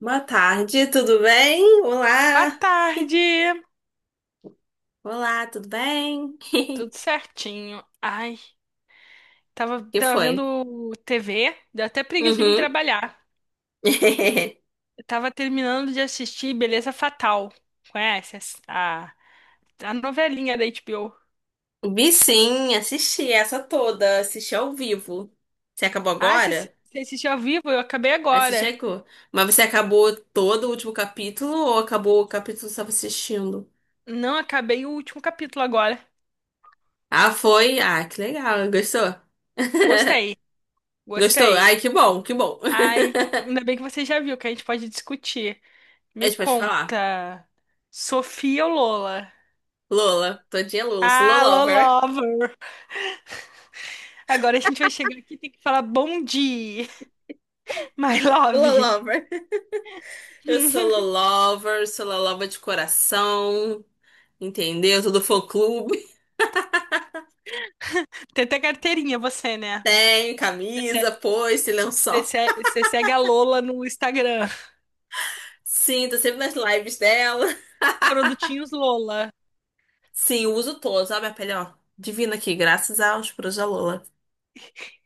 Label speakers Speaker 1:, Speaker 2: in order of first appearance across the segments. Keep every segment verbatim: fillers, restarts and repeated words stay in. Speaker 1: Boa tarde, tudo bem?
Speaker 2: Boa
Speaker 1: Olá!
Speaker 2: tarde,
Speaker 1: Olá, tudo bem?
Speaker 2: tudo certinho. Ai, tava,
Speaker 1: Que
Speaker 2: tava
Speaker 1: foi?
Speaker 2: vendo T V, deu até preguiça de vir
Speaker 1: Uhum.
Speaker 2: trabalhar. Eu tava terminando de assistir Beleza Fatal. Conhece essa- a, a novelinha da H B O?
Speaker 1: Vi sim, assisti essa toda, assisti ao vivo. Você acabou
Speaker 2: Ah, você
Speaker 1: agora?
Speaker 2: você assistiu ao vivo? Eu acabei
Speaker 1: Aí você
Speaker 2: agora.
Speaker 1: chegou. Mas você acabou todo o último capítulo ou acabou o capítulo que você estava assistindo?
Speaker 2: Não, acabei o último capítulo agora.
Speaker 1: Ah, foi? Ah, que legal, gostou?
Speaker 2: Gostei,
Speaker 1: Gostou?
Speaker 2: gostei.
Speaker 1: Ai, que bom, que bom.
Speaker 2: Ai, ainda bem que você já viu, que a gente pode discutir.
Speaker 1: A
Speaker 2: Me
Speaker 1: gente pode falar.
Speaker 2: conta, Sofia ou Lola?
Speaker 1: Lola, todinha Lola, sou
Speaker 2: Ah,
Speaker 1: Lolover.
Speaker 2: Lolova! Agora a gente vai chegar aqui e tem que falar bom dia, my love.
Speaker 1: Lolover. Eu sou Lolover, sou Lolova de coração, entendeu? Todo fã-clube.
Speaker 2: Tem até carteirinha você, né?
Speaker 1: Tenho
Speaker 2: Você,
Speaker 1: camisa, foice, lençol.
Speaker 2: você- você segue a Lola no Instagram.
Speaker 1: Sim, tô sempre nas lives dela.
Speaker 2: Produtinhos Lola.
Speaker 1: Sim, eu uso todos. Olha a minha pele, ó. Divina aqui, graças aos puros da Lola.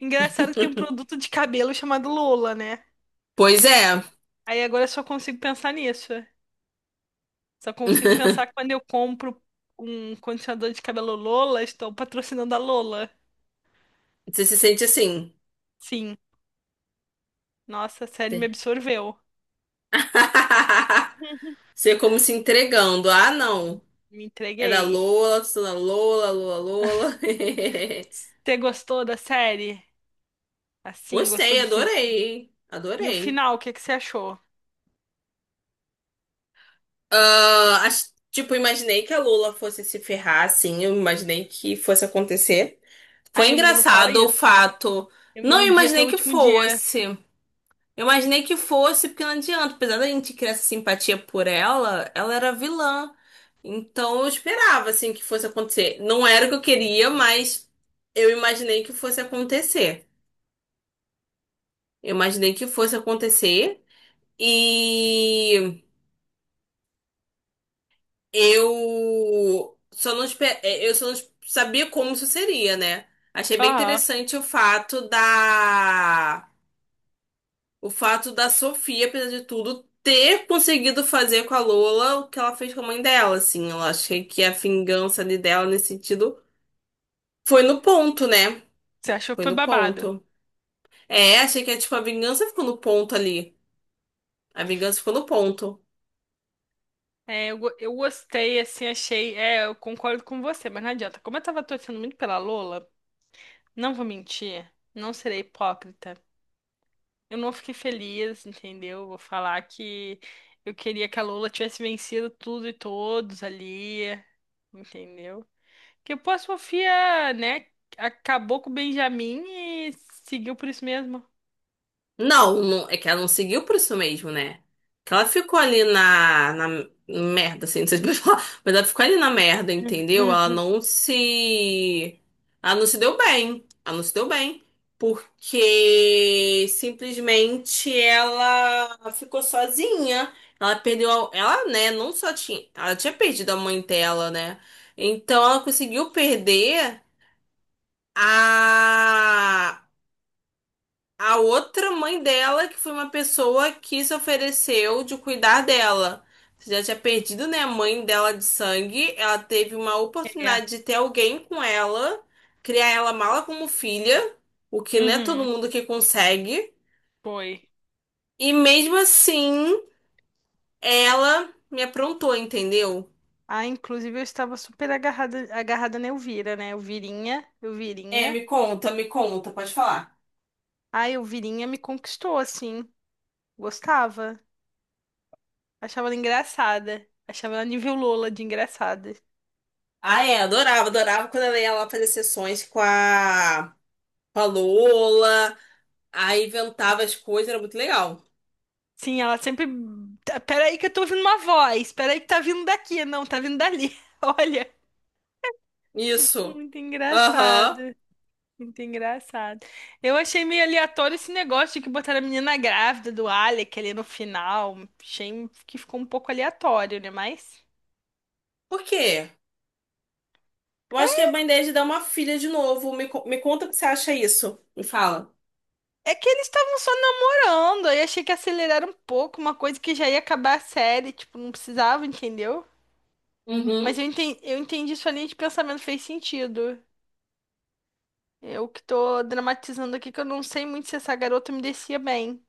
Speaker 2: Engraçado que tem um produto de cabelo chamado Lola, né?
Speaker 1: Pois é.
Speaker 2: Aí agora eu só consigo pensar nisso. Só consigo pensar quando eu compro um condicionador de cabelo Lola, estou patrocinando a Lola.
Speaker 1: Você se sente assim.
Speaker 2: Sim. Nossa, a série me
Speaker 1: Você
Speaker 2: absorveu.
Speaker 1: você como se entregando. Ah, não.
Speaker 2: Me, me
Speaker 1: É da
Speaker 2: entreguei.
Speaker 1: Lola, sou da Lola, Lola, Lola.
Speaker 2: Você gostou da série? Assim, gostou
Speaker 1: Gostei,
Speaker 2: do final?
Speaker 1: adorei.
Speaker 2: E o
Speaker 1: Adorei.
Speaker 2: final, o que que você achou?
Speaker 1: Ah, ach- tipo, imaginei que a Lula fosse se ferrar, assim, eu imaginei que fosse acontecer. Foi
Speaker 2: Ai, amiga, não fala
Speaker 1: engraçado o
Speaker 2: isso.
Speaker 1: fato.
Speaker 2: Eu me
Speaker 1: Não
Speaker 2: iludi até
Speaker 1: imaginei
Speaker 2: o
Speaker 1: que
Speaker 2: último dia.
Speaker 1: fosse. Eu imaginei que fosse, porque não adianta. Apesar da gente criar essa simpatia por ela, ela era vilã. Então eu esperava, assim, que fosse acontecer. Não era o que eu queria, mas eu imaginei que fosse acontecer. Eu imaginei que fosse acontecer. E. Eu só não, espe- é, eu só não es- sabia como isso seria, né? Achei bem
Speaker 2: Aham.
Speaker 1: interessante o fato da o fato da Sofia, apesar de tudo, ter conseguido fazer com a Lola o que ela fez com a mãe dela, assim. Eu achei que a vingança ali dela nesse sentido foi no ponto, né?
Speaker 2: Você achou que
Speaker 1: Foi
Speaker 2: foi
Speaker 1: no
Speaker 2: babado?
Speaker 1: ponto. É, achei que tipo a vingança ficou no ponto ali. A vingança ficou no ponto.
Speaker 2: É, eu, go- eu gostei, assim, achei. É, eu concordo com você, mas não adianta. Como eu tava torcendo muito pela Lola, não vou mentir, não serei hipócrita. Eu não fiquei feliz, entendeu? Vou falar que eu queria que a Lola tivesse vencido tudo e todos ali, entendeu? Que pô, a Sofia, né, acabou com o Benjamin e seguiu por isso mesmo.
Speaker 1: Não, não- é que ela não seguiu por isso mesmo, né? Que ela ficou ali na, na merda, assim, não sei se pode falar, mas ela ficou ali na merda, entendeu? Ela não se. Ela não se deu bem. Ela não se deu bem. Porque simplesmente ela ficou sozinha. Ela perdeu. a- Ela, né? Não só tinha. Ela tinha perdido a mãe dela, né? Então ela conseguiu perder a a outra mãe dela, que foi uma pessoa que se ofereceu de cuidar dela. Você já tinha perdido, né, a mãe dela de sangue. Ela teve uma oportunidade de ter alguém com ela, criar ela mala como filha, o que não é todo
Speaker 2: Uhum,
Speaker 1: mundo que consegue.
Speaker 2: foi.
Speaker 1: E mesmo assim, ela me aprontou, entendeu?
Speaker 2: Ah, inclusive eu estava super agarrada, agarrada na Elvira, né? Elvirinha,
Speaker 1: É,
Speaker 2: Elvirinha.
Speaker 1: me conta, me conta, pode falar.
Speaker 2: A Elvirinha me conquistou, assim. Gostava. Achava ela engraçada. Achava ela nível Lola de engraçada.
Speaker 1: Ah, é, adorava, adorava quando ela ia lá fazer sessões com a, com a Lola, aí inventava as coisas, era muito legal.
Speaker 2: Sim, ela sempre. "Tá, peraí que eu tô ouvindo uma voz. Peraí que tá vindo daqui. Não, tá vindo dali." Olha,
Speaker 1: Isso.
Speaker 2: muito
Speaker 1: Aham.
Speaker 2: engraçado. Muito engraçado. Eu achei meio aleatório esse negócio de que botaram a menina grávida do Alec ali no final. Achei que ficou um pouco aleatório, né? Mas
Speaker 1: Por quê? Eu acho que é band de dar uma filha de novo. Me, co- me conta o que você acha isso. Me fala.
Speaker 2: é que eles estavam só namorando. Aí achei que aceleraram um pouco, uma coisa que já ia acabar a série. Tipo, não precisava, entendeu?
Speaker 1: Uhum.
Speaker 2: Mas eu entendi, eu entendi sua linha de pensamento, fez sentido. Eu que tô dramatizando aqui, que eu não sei muito se essa garota me descia bem.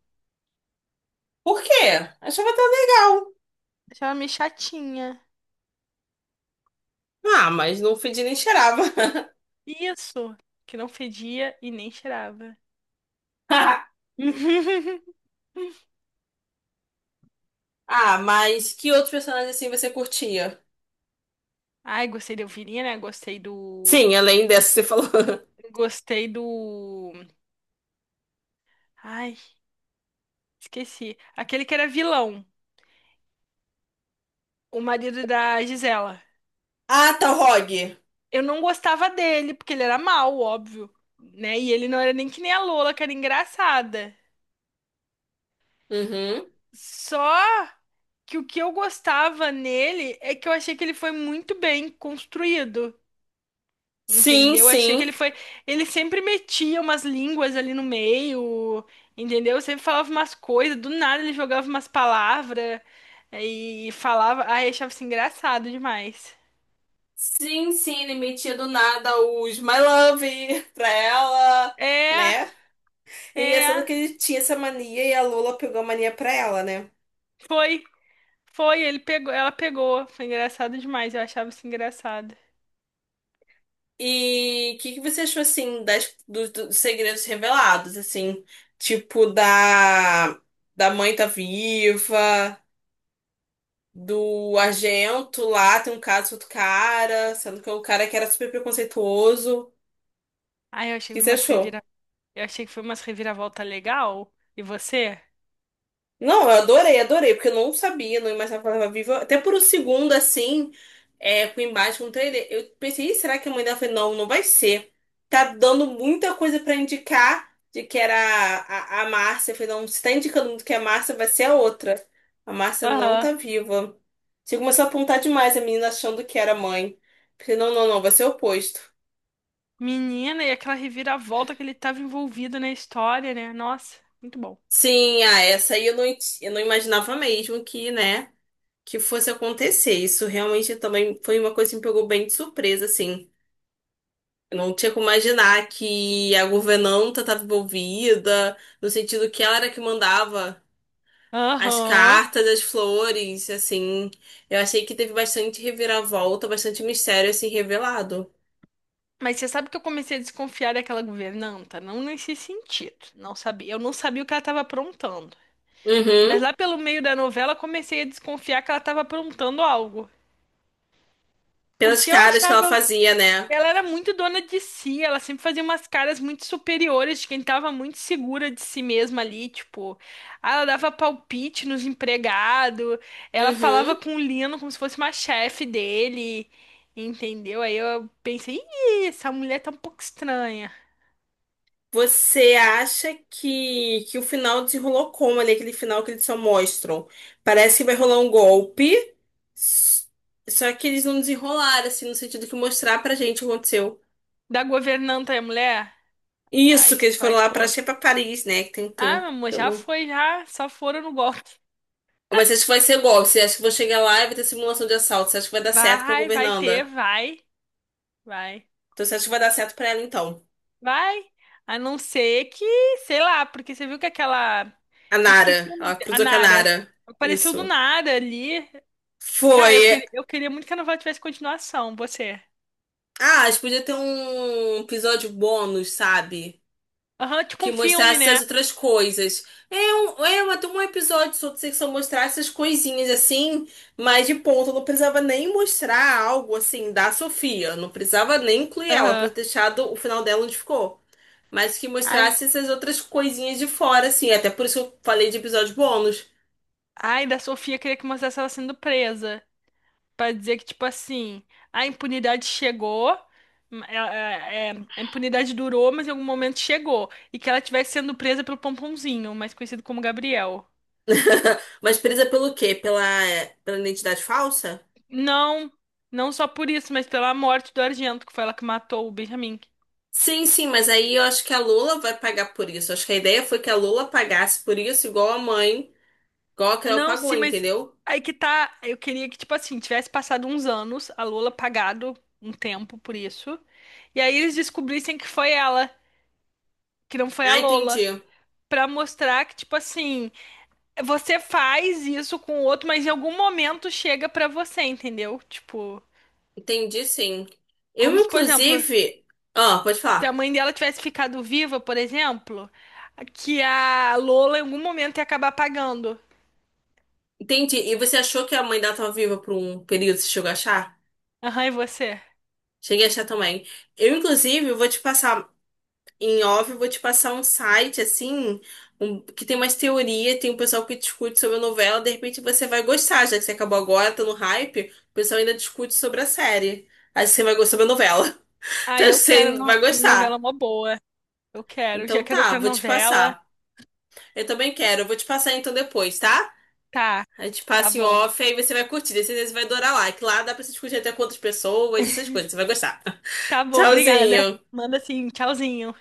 Speaker 1: Por quê? Achava tão legal.
Speaker 2: Achava meio chatinha.
Speaker 1: Ah, mas no feed nem cheirava.
Speaker 2: Isso, que não fedia e nem cheirava.
Speaker 1: Ah, mas que outros personagens assim você curtia?
Speaker 2: Ai, gostei da Elvirinha, né? Gostei do.
Speaker 1: Sim, além dessa que você falou.
Speaker 2: Gostei do. Ai, esqueci. Aquele que era vilão, o marido da Gisela.
Speaker 1: Ah, tá, o Rogue.
Speaker 2: Eu não gostava dele, porque ele era mau, óbvio, né? E ele não era nem que nem a Lola, que era engraçada.
Speaker 1: Uhum.
Speaker 2: Só que o que eu gostava nele é que eu achei que ele foi muito bem construído.
Speaker 1: Sim,
Speaker 2: Entendeu? Achei que ele
Speaker 1: sim.
Speaker 2: foi. Ele sempre metia umas línguas ali no meio, entendeu? Sempre falava umas coisas, do nada ele jogava umas palavras e falava. Ai, achava isso engraçado demais.
Speaker 1: Sim, sim, ele metia do nada os My Love pra ela,
Speaker 2: É,
Speaker 1: né? E engraçado
Speaker 2: é.
Speaker 1: que ele tinha essa mania e a Lola pegou a mania pra ela, né?
Speaker 2: Foi, foi, ele pegou, ela pegou. Foi engraçado demais, eu achava isso engraçado.
Speaker 1: E o que que você achou, assim, das, dos, dos segredos revelados, assim? Tipo, da, da mãe tá viva, do Argento lá, tem um caso com outro cara, sendo que é o cara que era super preconceituoso. O
Speaker 2: Ai, eu achei que
Speaker 1: que
Speaker 2: foi
Speaker 1: você
Speaker 2: umas
Speaker 1: achou?
Speaker 2: revira... eu achei que foi umas reviravolta legal. E você?
Speaker 1: Não, eu adorei, adorei, porque eu não sabia, não imaginava que ela estava viva. Até por um segundo, assim, é, com o embate com o trailer, eu pensei, "Ih, será que a mãe dela foi? Não, não vai ser. Tá dando muita coisa pra indicar de que era a, a, a Márcia. Eu falei, não, se tá indicando muito que é a Márcia, vai ser a outra. A Márcia não
Speaker 2: Aham.
Speaker 1: tá viva. Você começou a apontar demais a menina achando que era a mãe. Eu falei, não, não, não, vai ser o oposto.
Speaker 2: Menina, e aquela reviravolta que ele tava envolvido na história, né? Nossa, muito bom.
Speaker 1: Sim, ah, essa aí eu não, eu não imaginava mesmo que, né? Que fosse acontecer. Isso realmente também foi uma coisa que me pegou bem de surpresa, assim. Eu não tinha como imaginar que a governanta estava envolvida, no sentido que ela era que mandava as
Speaker 2: Aham.
Speaker 1: cartas, as flores, assim. Eu achei que teve bastante reviravolta, bastante mistério, assim, revelado.
Speaker 2: Mas você sabe que eu comecei a desconfiar daquela governanta? Não nesse sentido. Não sabia. Eu não sabia o que ela estava aprontando. Mas
Speaker 1: Uhum.
Speaker 2: lá pelo meio da novela, comecei a desconfiar que ela estava aprontando algo.
Speaker 1: Pelas
Speaker 2: Porque eu
Speaker 1: caras que ela
Speaker 2: achava
Speaker 1: fazia, né?
Speaker 2: ela era muito dona de si, ela sempre fazia umas caras muito superiores de quem tava muito segura de si mesma ali, tipo, ah, ela dava palpite nos empregados, ela falava
Speaker 1: Uhum.
Speaker 2: com o Lino como se fosse uma chefe dele, entendeu? Aí eu pensei, "Ih, essa mulher tá um pouco estranha."
Speaker 1: Você acha que, que o final desenrolou como ali, aquele final que eles só mostram? Parece que vai rolar um golpe, s- só que eles não desenrolaram, assim, no sentido que mostrar pra gente o que aconteceu.
Speaker 2: Da governanta é a mulher? A,
Speaker 1: Isso, que
Speaker 2: es-
Speaker 1: eles
Speaker 2: a
Speaker 1: foram lá pra,
Speaker 2: esposa.
Speaker 1: acho que é pra Paris, né? Que tem um
Speaker 2: Ah, meu
Speaker 1: tempo
Speaker 2: amor,
Speaker 1: que eu
Speaker 2: já
Speaker 1: não.
Speaker 2: foi, já, só foram no golpe.
Speaker 1: Mas acho que vai ser golpe. Você acha que vou chegar lá e vai ter simulação de assalto? Você acha que vai dar certo pra
Speaker 2: Vai, vai ter,
Speaker 1: governanda?
Speaker 2: vai, vai.
Speaker 1: Então você acha que vai dar certo pra ela, então?
Speaker 2: Vai, a não ser que, sei lá, porque você viu que aquela.
Speaker 1: A
Speaker 2: Me esqueci
Speaker 1: Nara.
Speaker 2: o
Speaker 1: Ela
Speaker 2: nome. A
Speaker 1: cruzou com a
Speaker 2: Nara.
Speaker 1: Nara.
Speaker 2: Apareceu do
Speaker 1: Isso.
Speaker 2: nada ali. Cara,
Speaker 1: Foi.
Speaker 2: eu, queria, eu queria muito que a novela tivesse continuação, você.
Speaker 1: Ah, acho que podia ter um episódio bônus, sabe?
Speaker 2: Aham, tipo
Speaker 1: Que
Speaker 2: um filme,
Speaker 1: mostrasse
Speaker 2: né?
Speaker 1: as outras coisas. É um, é uma, tem um episódio só sobre que só mostrasse essas coisinhas assim, mas de ponto, não precisava nem mostrar algo assim da Sofia, não precisava nem incluir ela, podia
Speaker 2: Aham.
Speaker 1: ter deixado o final dela onde ficou. Mas que
Speaker 2: Ai,
Speaker 1: mostrasse essas outras coisinhas de fora, assim, até por isso que eu falei de episódio bônus.
Speaker 2: ai, da Sofia queria que mostrasse ela sendo presa. Pra dizer que, tipo assim, a impunidade chegou. hum, é- é- é, a impunidade durou, mas em algum momento chegou. E que ela estivesse sendo presa pelo Pomponzinho, mais conhecido como Gabriel.
Speaker 1: Mas presa pelo quê? Pela, pela identidade falsa?
Speaker 2: Não, não só por isso, mas pela morte do Argento, que foi ela que matou o Benjamin.
Speaker 1: Sim, sim, mas aí eu acho que a Lula vai pagar por isso. Acho que a ideia foi que a Lula pagasse por isso, igual a mãe. Coloca, ela
Speaker 2: Não,
Speaker 1: pagou,
Speaker 2: sim, mas
Speaker 1: entendeu?
Speaker 2: aí que tá. Eu queria que, tipo assim, tivesse passado uns anos, a Lola pagado um tempo por isso. E aí eles descobrissem que foi ela, que não foi a
Speaker 1: Ah,
Speaker 2: Lola.
Speaker 1: entendi.
Speaker 2: Pra mostrar que, tipo assim, você faz isso com o outro, mas em algum momento chega pra você, entendeu? Tipo,
Speaker 1: Entendi, sim. Eu,
Speaker 2: como se, por exemplo,
Speaker 1: inclusive. Ah, pode
Speaker 2: se a
Speaker 1: falar.
Speaker 2: mãe dela tivesse ficado viva, por exemplo, que a Lola em algum momento ia acabar pagando.
Speaker 1: Entendi. E você achou que a mãe dela estava viva por um período? Você chegou a achar?
Speaker 2: Aham, e você?
Speaker 1: Cheguei a achar também. Eu, inclusive, vou te passar. Em off, eu vou te passar um site, assim, um- que tem umas teorias, tem um pessoal que discute sobre a novela. De repente você vai gostar, já que você acabou agora, tá no hype. O pessoal ainda discute sobre a série. Aí você vai gostar da novela.
Speaker 2: Ah,
Speaker 1: Então,
Speaker 2: eu
Speaker 1: acho que você
Speaker 2: quero no-
Speaker 1: vai
Speaker 2: novela
Speaker 1: gostar.
Speaker 2: mó boa. Eu quero. Já
Speaker 1: Então
Speaker 2: quero
Speaker 1: tá,
Speaker 2: outra
Speaker 1: vou te
Speaker 2: novela.
Speaker 1: passar. Eu também quero. Eu vou te passar então depois, tá?
Speaker 2: Tá,
Speaker 1: A gente
Speaker 2: tá
Speaker 1: passa em
Speaker 2: bom.
Speaker 1: off, aí você vai curtir. Daí você vai adorar lá. Que lá dá pra você discutir até com outras pessoas, essas coisas. Você vai gostar.
Speaker 2: Tá bom, obrigada.
Speaker 1: Tchauzinho.
Speaker 2: Manda assim, tchauzinho.